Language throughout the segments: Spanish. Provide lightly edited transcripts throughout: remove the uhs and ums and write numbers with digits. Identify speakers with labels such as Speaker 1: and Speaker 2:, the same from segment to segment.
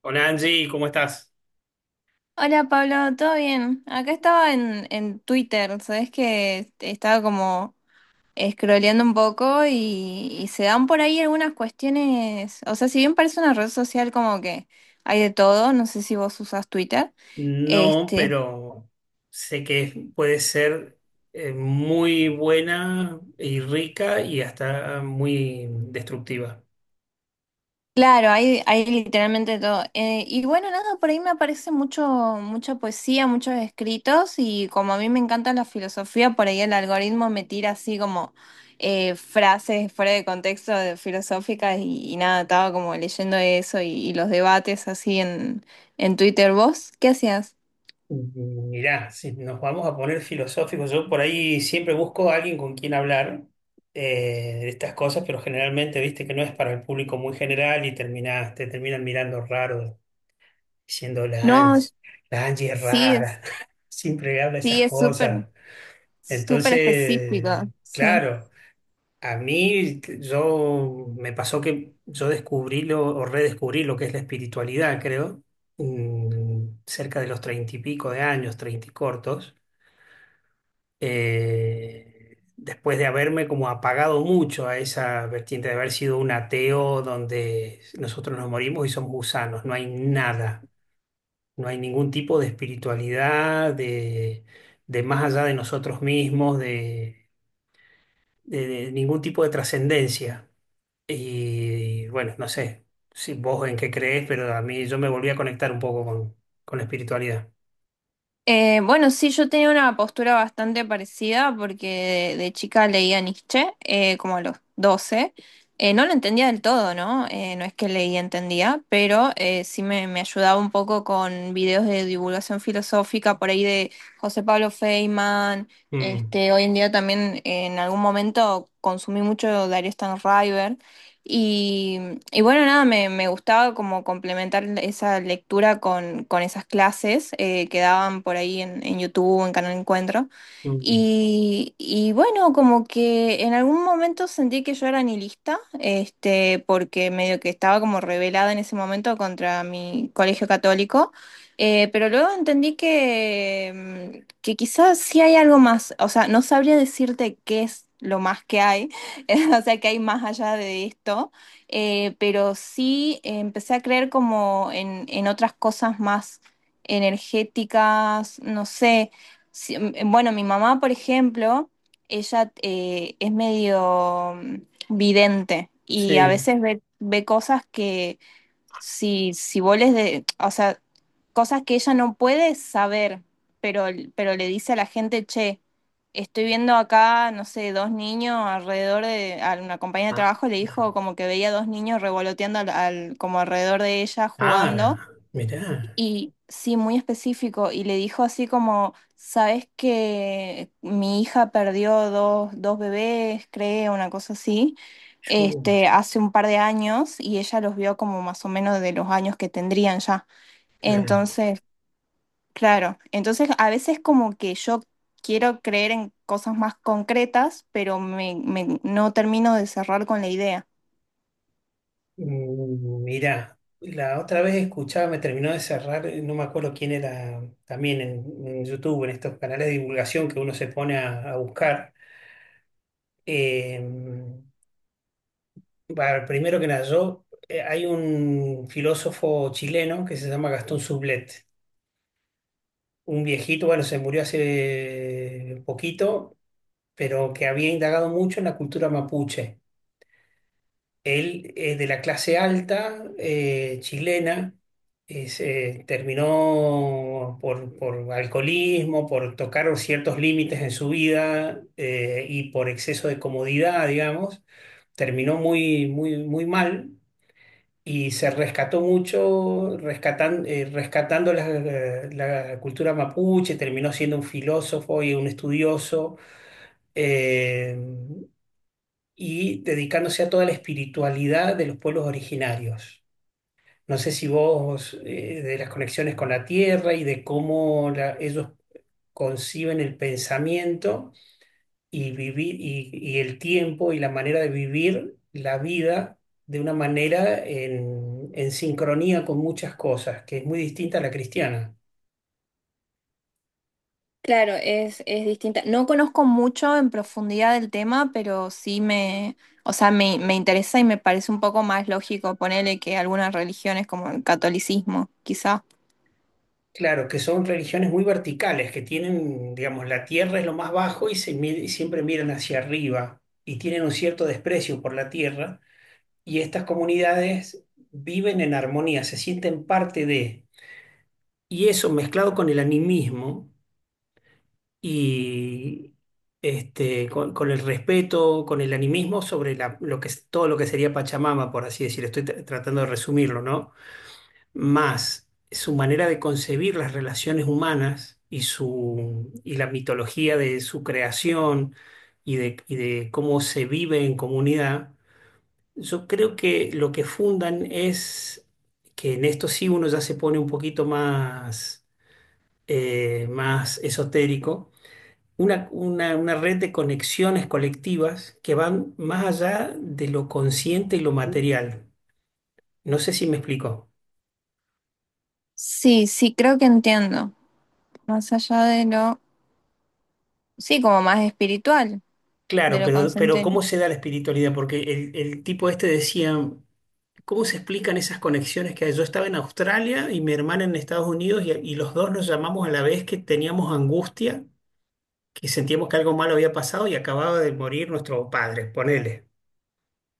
Speaker 1: Hola Angie, ¿cómo estás?
Speaker 2: Hola Pablo, ¿todo bien? Acá estaba en Twitter, sabes que estaba como scrolleando un poco y se dan por ahí algunas cuestiones, o sea, si bien parece una red social como que hay de todo, no sé si vos usás Twitter,
Speaker 1: No,
Speaker 2: este,
Speaker 1: pero sé que es- puede ser muy buena y rica y hasta muy destructiva.
Speaker 2: claro, hay literalmente todo. Y bueno, nada, por ahí me aparece mucho, mucha poesía, muchos escritos y como a mí me encanta la filosofía, por ahí el algoritmo me tira así como frases fuera de contexto filosóficas y nada, estaba como leyendo eso y los debates así en Twitter. ¿Vos qué hacías?
Speaker 1: Mirá, si nos vamos a poner filosóficos, yo por ahí siempre busco a alguien con quien hablar de estas cosas, pero generalmente viste que no es para el público muy general y terminás- te terminan mirando raro, diciendo
Speaker 2: No,
Speaker 1: La Angie es
Speaker 2: sí, es,
Speaker 1: rara, siempre habla esas
Speaker 2: sí, es súper,
Speaker 1: cosas.
Speaker 2: súper específico,
Speaker 1: Entonces,
Speaker 2: sí.
Speaker 1: claro, a mí t- yo me pasó que yo descubrí lo, o redescubrí lo que es la espiritualidad, creo, cerca de los treinta y pico de años, treinta y cortos, después de haberme como apagado mucho a esa vertiente de haber sido un ateo donde nosotros nos morimos y somos gusanos, no hay nada, no hay ningún tipo de espiritualidad, de más allá de nosotros mismos, de de ningún tipo de trascendencia. Y bueno, no sé si vos en qué crees, pero a mí yo me volví a conectar un poco con la espiritualidad.
Speaker 2: Bueno, sí, yo tenía una postura bastante parecida porque de chica leía Nietzsche, como a los 12. No lo entendía del todo, ¿no? No es que leía, entendía, pero sí me ayudaba un poco con videos de divulgación filosófica por ahí de José Pablo Feynman.
Speaker 1: Mm,
Speaker 2: Este, hoy en día también en algún momento consumí mucho Darío Stanraiver. Y, y bueno, nada, me gustaba como complementar esa lectura con esas clases que daban por ahí en YouTube, en Canal Encuentro.
Speaker 1: mm,
Speaker 2: Y bueno, como que en algún momento sentí que yo era nihilista, este, porque medio que estaba como rebelada en ese momento contra mi colegio católico. Pero luego entendí que, que quizás sí hay algo más, o sea, no sabría decirte qué es lo más que hay o sea que hay más allá de esto, pero sí empecé a creer como en otras cosas más energéticas, no sé, bueno, mi mamá, por ejemplo, ella es medio vidente y a
Speaker 1: sí.
Speaker 2: veces ve, ve cosas que si, si vos les de, o sea, cosas que ella no puede saber, pero, pero le dice a la gente, che, estoy viendo acá, no sé, 2 niños alrededor de, a una compañía de
Speaker 1: Ah,
Speaker 2: trabajo le dijo como que veía 2 niños revoloteando al, como alrededor de ella
Speaker 1: ah,
Speaker 2: jugando
Speaker 1: mirá.
Speaker 2: y sí, muy específico. Y le dijo así como, ¿sabes que mi hija perdió 2, 2 bebés, creo, una cosa así,
Speaker 1: Yo,
Speaker 2: este, hace un par de años y ella los vio como más o menos de los años que tendrían ya?
Speaker 1: claro.
Speaker 2: Entonces, claro, entonces a veces como que yo quiero creer en cosas más concretas, pero me, no termino de cerrar con la idea.
Speaker 1: Mm, mirá. La otra vez escuchaba, me terminó de cerrar, no me acuerdo quién era, también en YouTube, en estos canales de divulgación que uno se pone a buscar. eh, Bueno, primero que nada, yo, hay un filósofo chileno que se llama Gastón Sublet, un viejito, bueno, se murió hace poquito, pero que había indagado mucho en la cultura mapuche. Él es de la clase alta chilena, se terminó por alcoholismo, por tocar ciertos límites en su vida y por exceso de comodidad, digamos, terminó muy, muy, muy mal. Y se rescató mucho, rescatan- rescatando la, la cultura mapuche, terminó siendo un filósofo y un estudioso, eh, y dedicándose a toda la espiritualidad de los pueblos originarios. No sé si vos, de las conexiones con la tierra y de cómo la- ellos conciben el pensamiento y vivir y el tiempo y la manera de vivir la vida de una manera en sincronía con muchas cosas, que es muy distinta a la cristiana.
Speaker 2: Claro, es distinta. No conozco mucho en profundidad del tema, pero sí me, o sea, me interesa y me parece un poco más lógico ponerle que algunas religiones como el catolicismo, quizá.
Speaker 1: Claro, que son religiones muy verticales, que tienen, digamos, la tierra es lo más bajo y, se, mi- y siempre miran hacia arriba y tienen un cierto desprecio por la tierra y estas comunidades viven en armonía, se sienten parte de, y eso mezclado con el animismo. Y este, con el respeto, con el animismo sobre la- lo que, es- todo lo que sería Pachamama, por así decir, estoy tra- tratando de resumirlo, ¿no? Más su manera de concebir las relaciones humanas y, su, y la mitología de su creación y de cómo se vive en comunidad, yo creo que lo que fundan es que en esto sí uno ya se pone un poquito más, más esotérico, una red de conexiones colectivas que van más allá de lo consciente y lo material. No sé si me explico.
Speaker 2: Sí, sí, creo que entiendo. Más allá de lo, sí, como más espiritual, de
Speaker 1: Claro,
Speaker 2: lo
Speaker 1: pero
Speaker 2: consciente.
Speaker 1: ¿cómo se da la espiritualidad? Porque el tipo este decía, ¿cómo se explican esas conexiones que hay? Yo estaba en Australia y mi hermana en Estados Unidos y los dos nos llamamos a la vez que teníamos angustia, que sentíamos que algo malo había pasado y acababa de morir nuestro padre, ponele.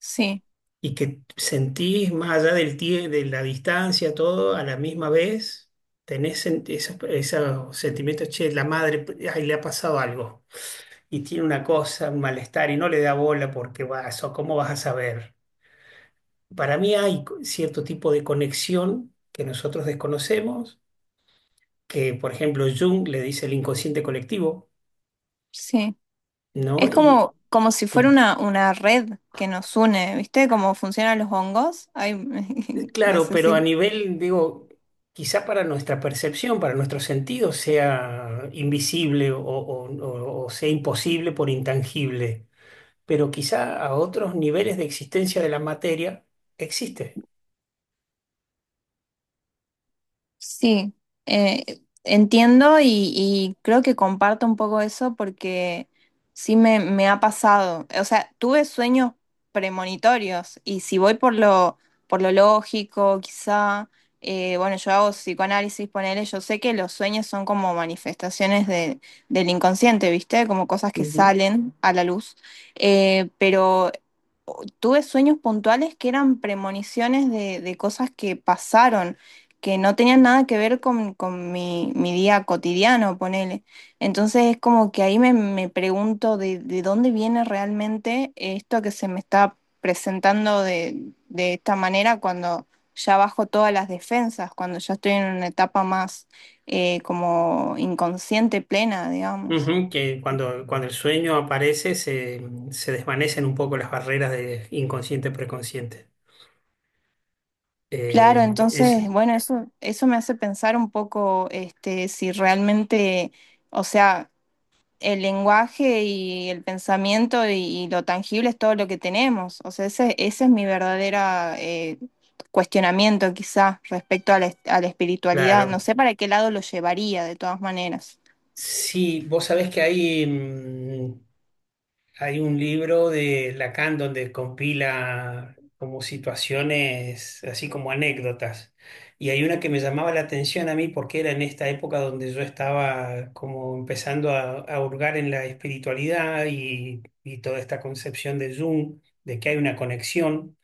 Speaker 2: Sí,
Speaker 1: Y que sentís más allá del tie- de la distancia, todo a la misma vez, tenés sen- esos, esos sentimientos, che, la madre, ay, le ha pasado algo y tiene una cosa, un malestar y no le da bola porque vas o ¿cómo vas a saber? Para mí hay co- cierto tipo de conexión que nosotros desconocemos, que por ejemplo Jung le dice el inconsciente colectivo,
Speaker 2: sí.
Speaker 1: ¿no?
Speaker 2: Es como, como si fuera
Speaker 1: Y
Speaker 2: una red que nos une, ¿viste? Cómo funcionan los hongos. Ay, no
Speaker 1: Claro,
Speaker 2: sé
Speaker 1: pero a
Speaker 2: si.
Speaker 1: nivel, digo, quizá para nuestra percepción, para nuestros sentidos, sea invisible o sea imposible por intangible, pero quizá a otros niveles de existencia de la materia existe.
Speaker 2: Sí, entiendo y creo que comparto un poco eso porque sí me ha pasado. O sea, tuve sueños premonitorios y si voy por lo lógico, quizá, bueno, yo hago psicoanálisis, ponele, yo sé que los sueños son como manifestaciones del inconsciente, ¿viste? Como cosas que
Speaker 1: Ujú.
Speaker 2: salen a la luz. Pero tuve sueños puntuales que eran premoniciones de cosas que pasaron, que no tenían nada que ver con mi, mi día cotidiano, ponele. Entonces es como que ahí me, me pregunto de dónde viene realmente esto que se me está presentando de esta manera cuando ya bajo todas las defensas, cuando ya estoy en una etapa más como inconsciente plena, digamos.
Speaker 1: Ujú, que cuando, cuando el sueño aparece se, se desvanecen un poco las barreras de inconsciente-preconsciente.
Speaker 2: Claro,
Speaker 1: Eh,
Speaker 2: entonces,
Speaker 1: es
Speaker 2: bueno, eso me hace pensar un poco, este, si realmente, o sea, el lenguaje y el pensamiento y lo tangible es todo lo que tenemos. O sea, ese es mi verdadera cuestionamiento quizá respecto a la, a la espiritualidad. No
Speaker 1: claro.
Speaker 2: sé para qué lado lo llevaría de todas maneras.
Speaker 1: Sí, vos sabés que hay. Hay un libro de Lacan donde compila como situaciones, así como anécdotas. Y hay una que me llamaba la atención a mí porque era en esta época donde yo estaba como empezando a hurgar en la espiritualidad y toda esta concepción de Jung, de que hay una conexión.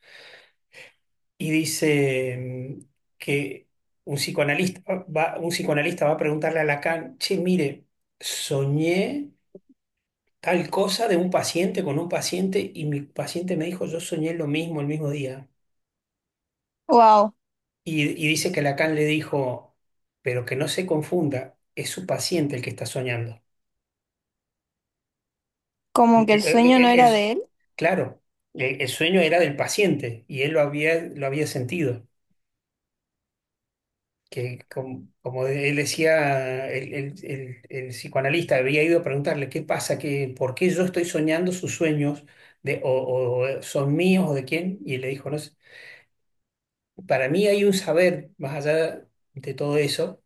Speaker 1: Y dice mm, que un psicoanalista va a preguntarle a Lacan, che, mire, soñé tal cosa de un paciente con un paciente y mi paciente me dijo, yo soñé lo mismo el mismo día.
Speaker 2: Wow,
Speaker 1: Y dice que Lacan le dijo, pero que no se confunda, es su paciente el que está soñando.
Speaker 2: como que el sueño no era
Speaker 1: El-
Speaker 2: de él.
Speaker 1: claro, el sueño era del paciente y él lo había sentido. Que como, como él decía, el psicoanalista había ido a preguntarle qué pasa, que, por qué yo estoy soñando sus sueños de, o son míos o de quién, y le dijo, no sé, para mí hay un saber, más allá de todo eso,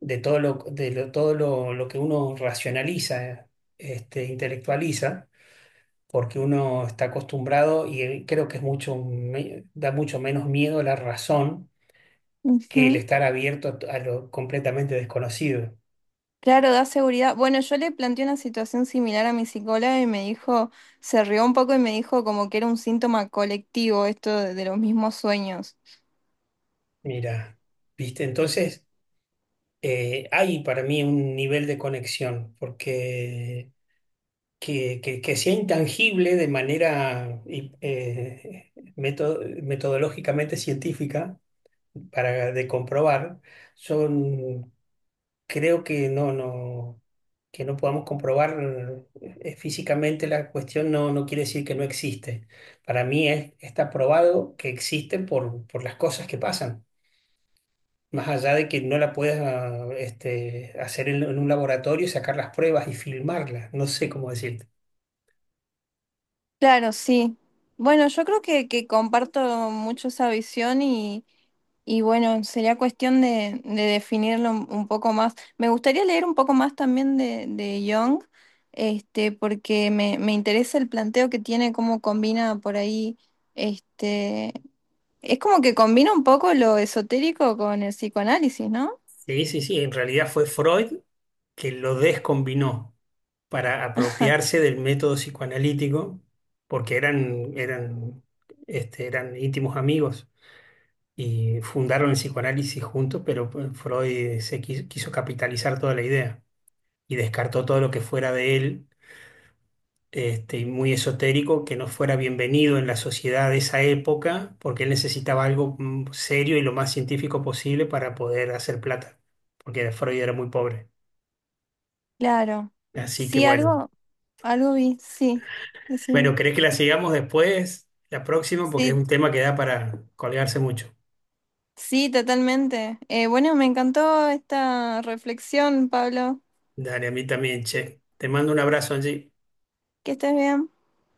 Speaker 1: de todo lo, de lo- todo lo que uno racionaliza, este, intelectualiza, porque uno está acostumbrado y creo que es mucho, me- da mucho menos miedo la razón que el
Speaker 2: Ujú.
Speaker 1: estar abierto a, t- a lo completamente desconocido.
Speaker 2: Claro, da seguridad. Bueno, yo le planteé una situación similar a mi psicóloga y me dijo, se rió un poco y me dijo como que era un síntoma colectivo esto de los mismos sueños.
Speaker 1: Mira, ¿viste? Entonces, hay para mí un nivel de conexión, porque que sea intangible de manera y, meto- metodológicamente científica para de comprobar, son, creo que no, no, que no podamos comprobar físicamente la cuestión no, no quiere decir que no existe. Para mí es- está probado que existe por las cosas que pasan. Más allá de que no la puedas este, hacer en un laboratorio y sacar las pruebas y filmarlas, no sé cómo decirlo.
Speaker 2: Claro, sí. Bueno, yo creo que comparto mucho esa visión y bueno, sería cuestión de definirlo un poco más. Me gustaría leer un poco más también de Jung, este, porque me interesa el planteo que tiene, cómo combina por ahí, este, es como que combina un poco lo esotérico con el psicoanálisis, ¿no?
Speaker 1: Sí, sí, sí. En realidad fue Freud que lo descombinó para apropiarse del método psicoanalítico, porque eran, eran, este, eran íntimos amigos y fundaron el psicoanálisis juntos, pero pues, Freud se qui- quiso, capitalizar toda la idea y descartó todo lo que fuera de él, este, y muy esotérico, que no fuera bienvenido en la sociedad de esa época, porque él necesitaba algo serio y lo más científico posible para poder hacer plata, porque Freud era muy pobre.
Speaker 2: Claro.
Speaker 1: Así que
Speaker 2: Sí,
Speaker 1: bueno.
Speaker 2: algo, algo vi, sí. Decime.
Speaker 1: Bueno, ¿querés que la sigamos después, la próxima? Porque es
Speaker 2: Sí,
Speaker 1: un tema que da para colgarse mucho.
Speaker 2: sí, totalmente. Bueno, me encantó esta reflexión, Pablo.
Speaker 1: Dale, a mí también, che. Te mando un abrazo, Angie.
Speaker 2: Que estés bien.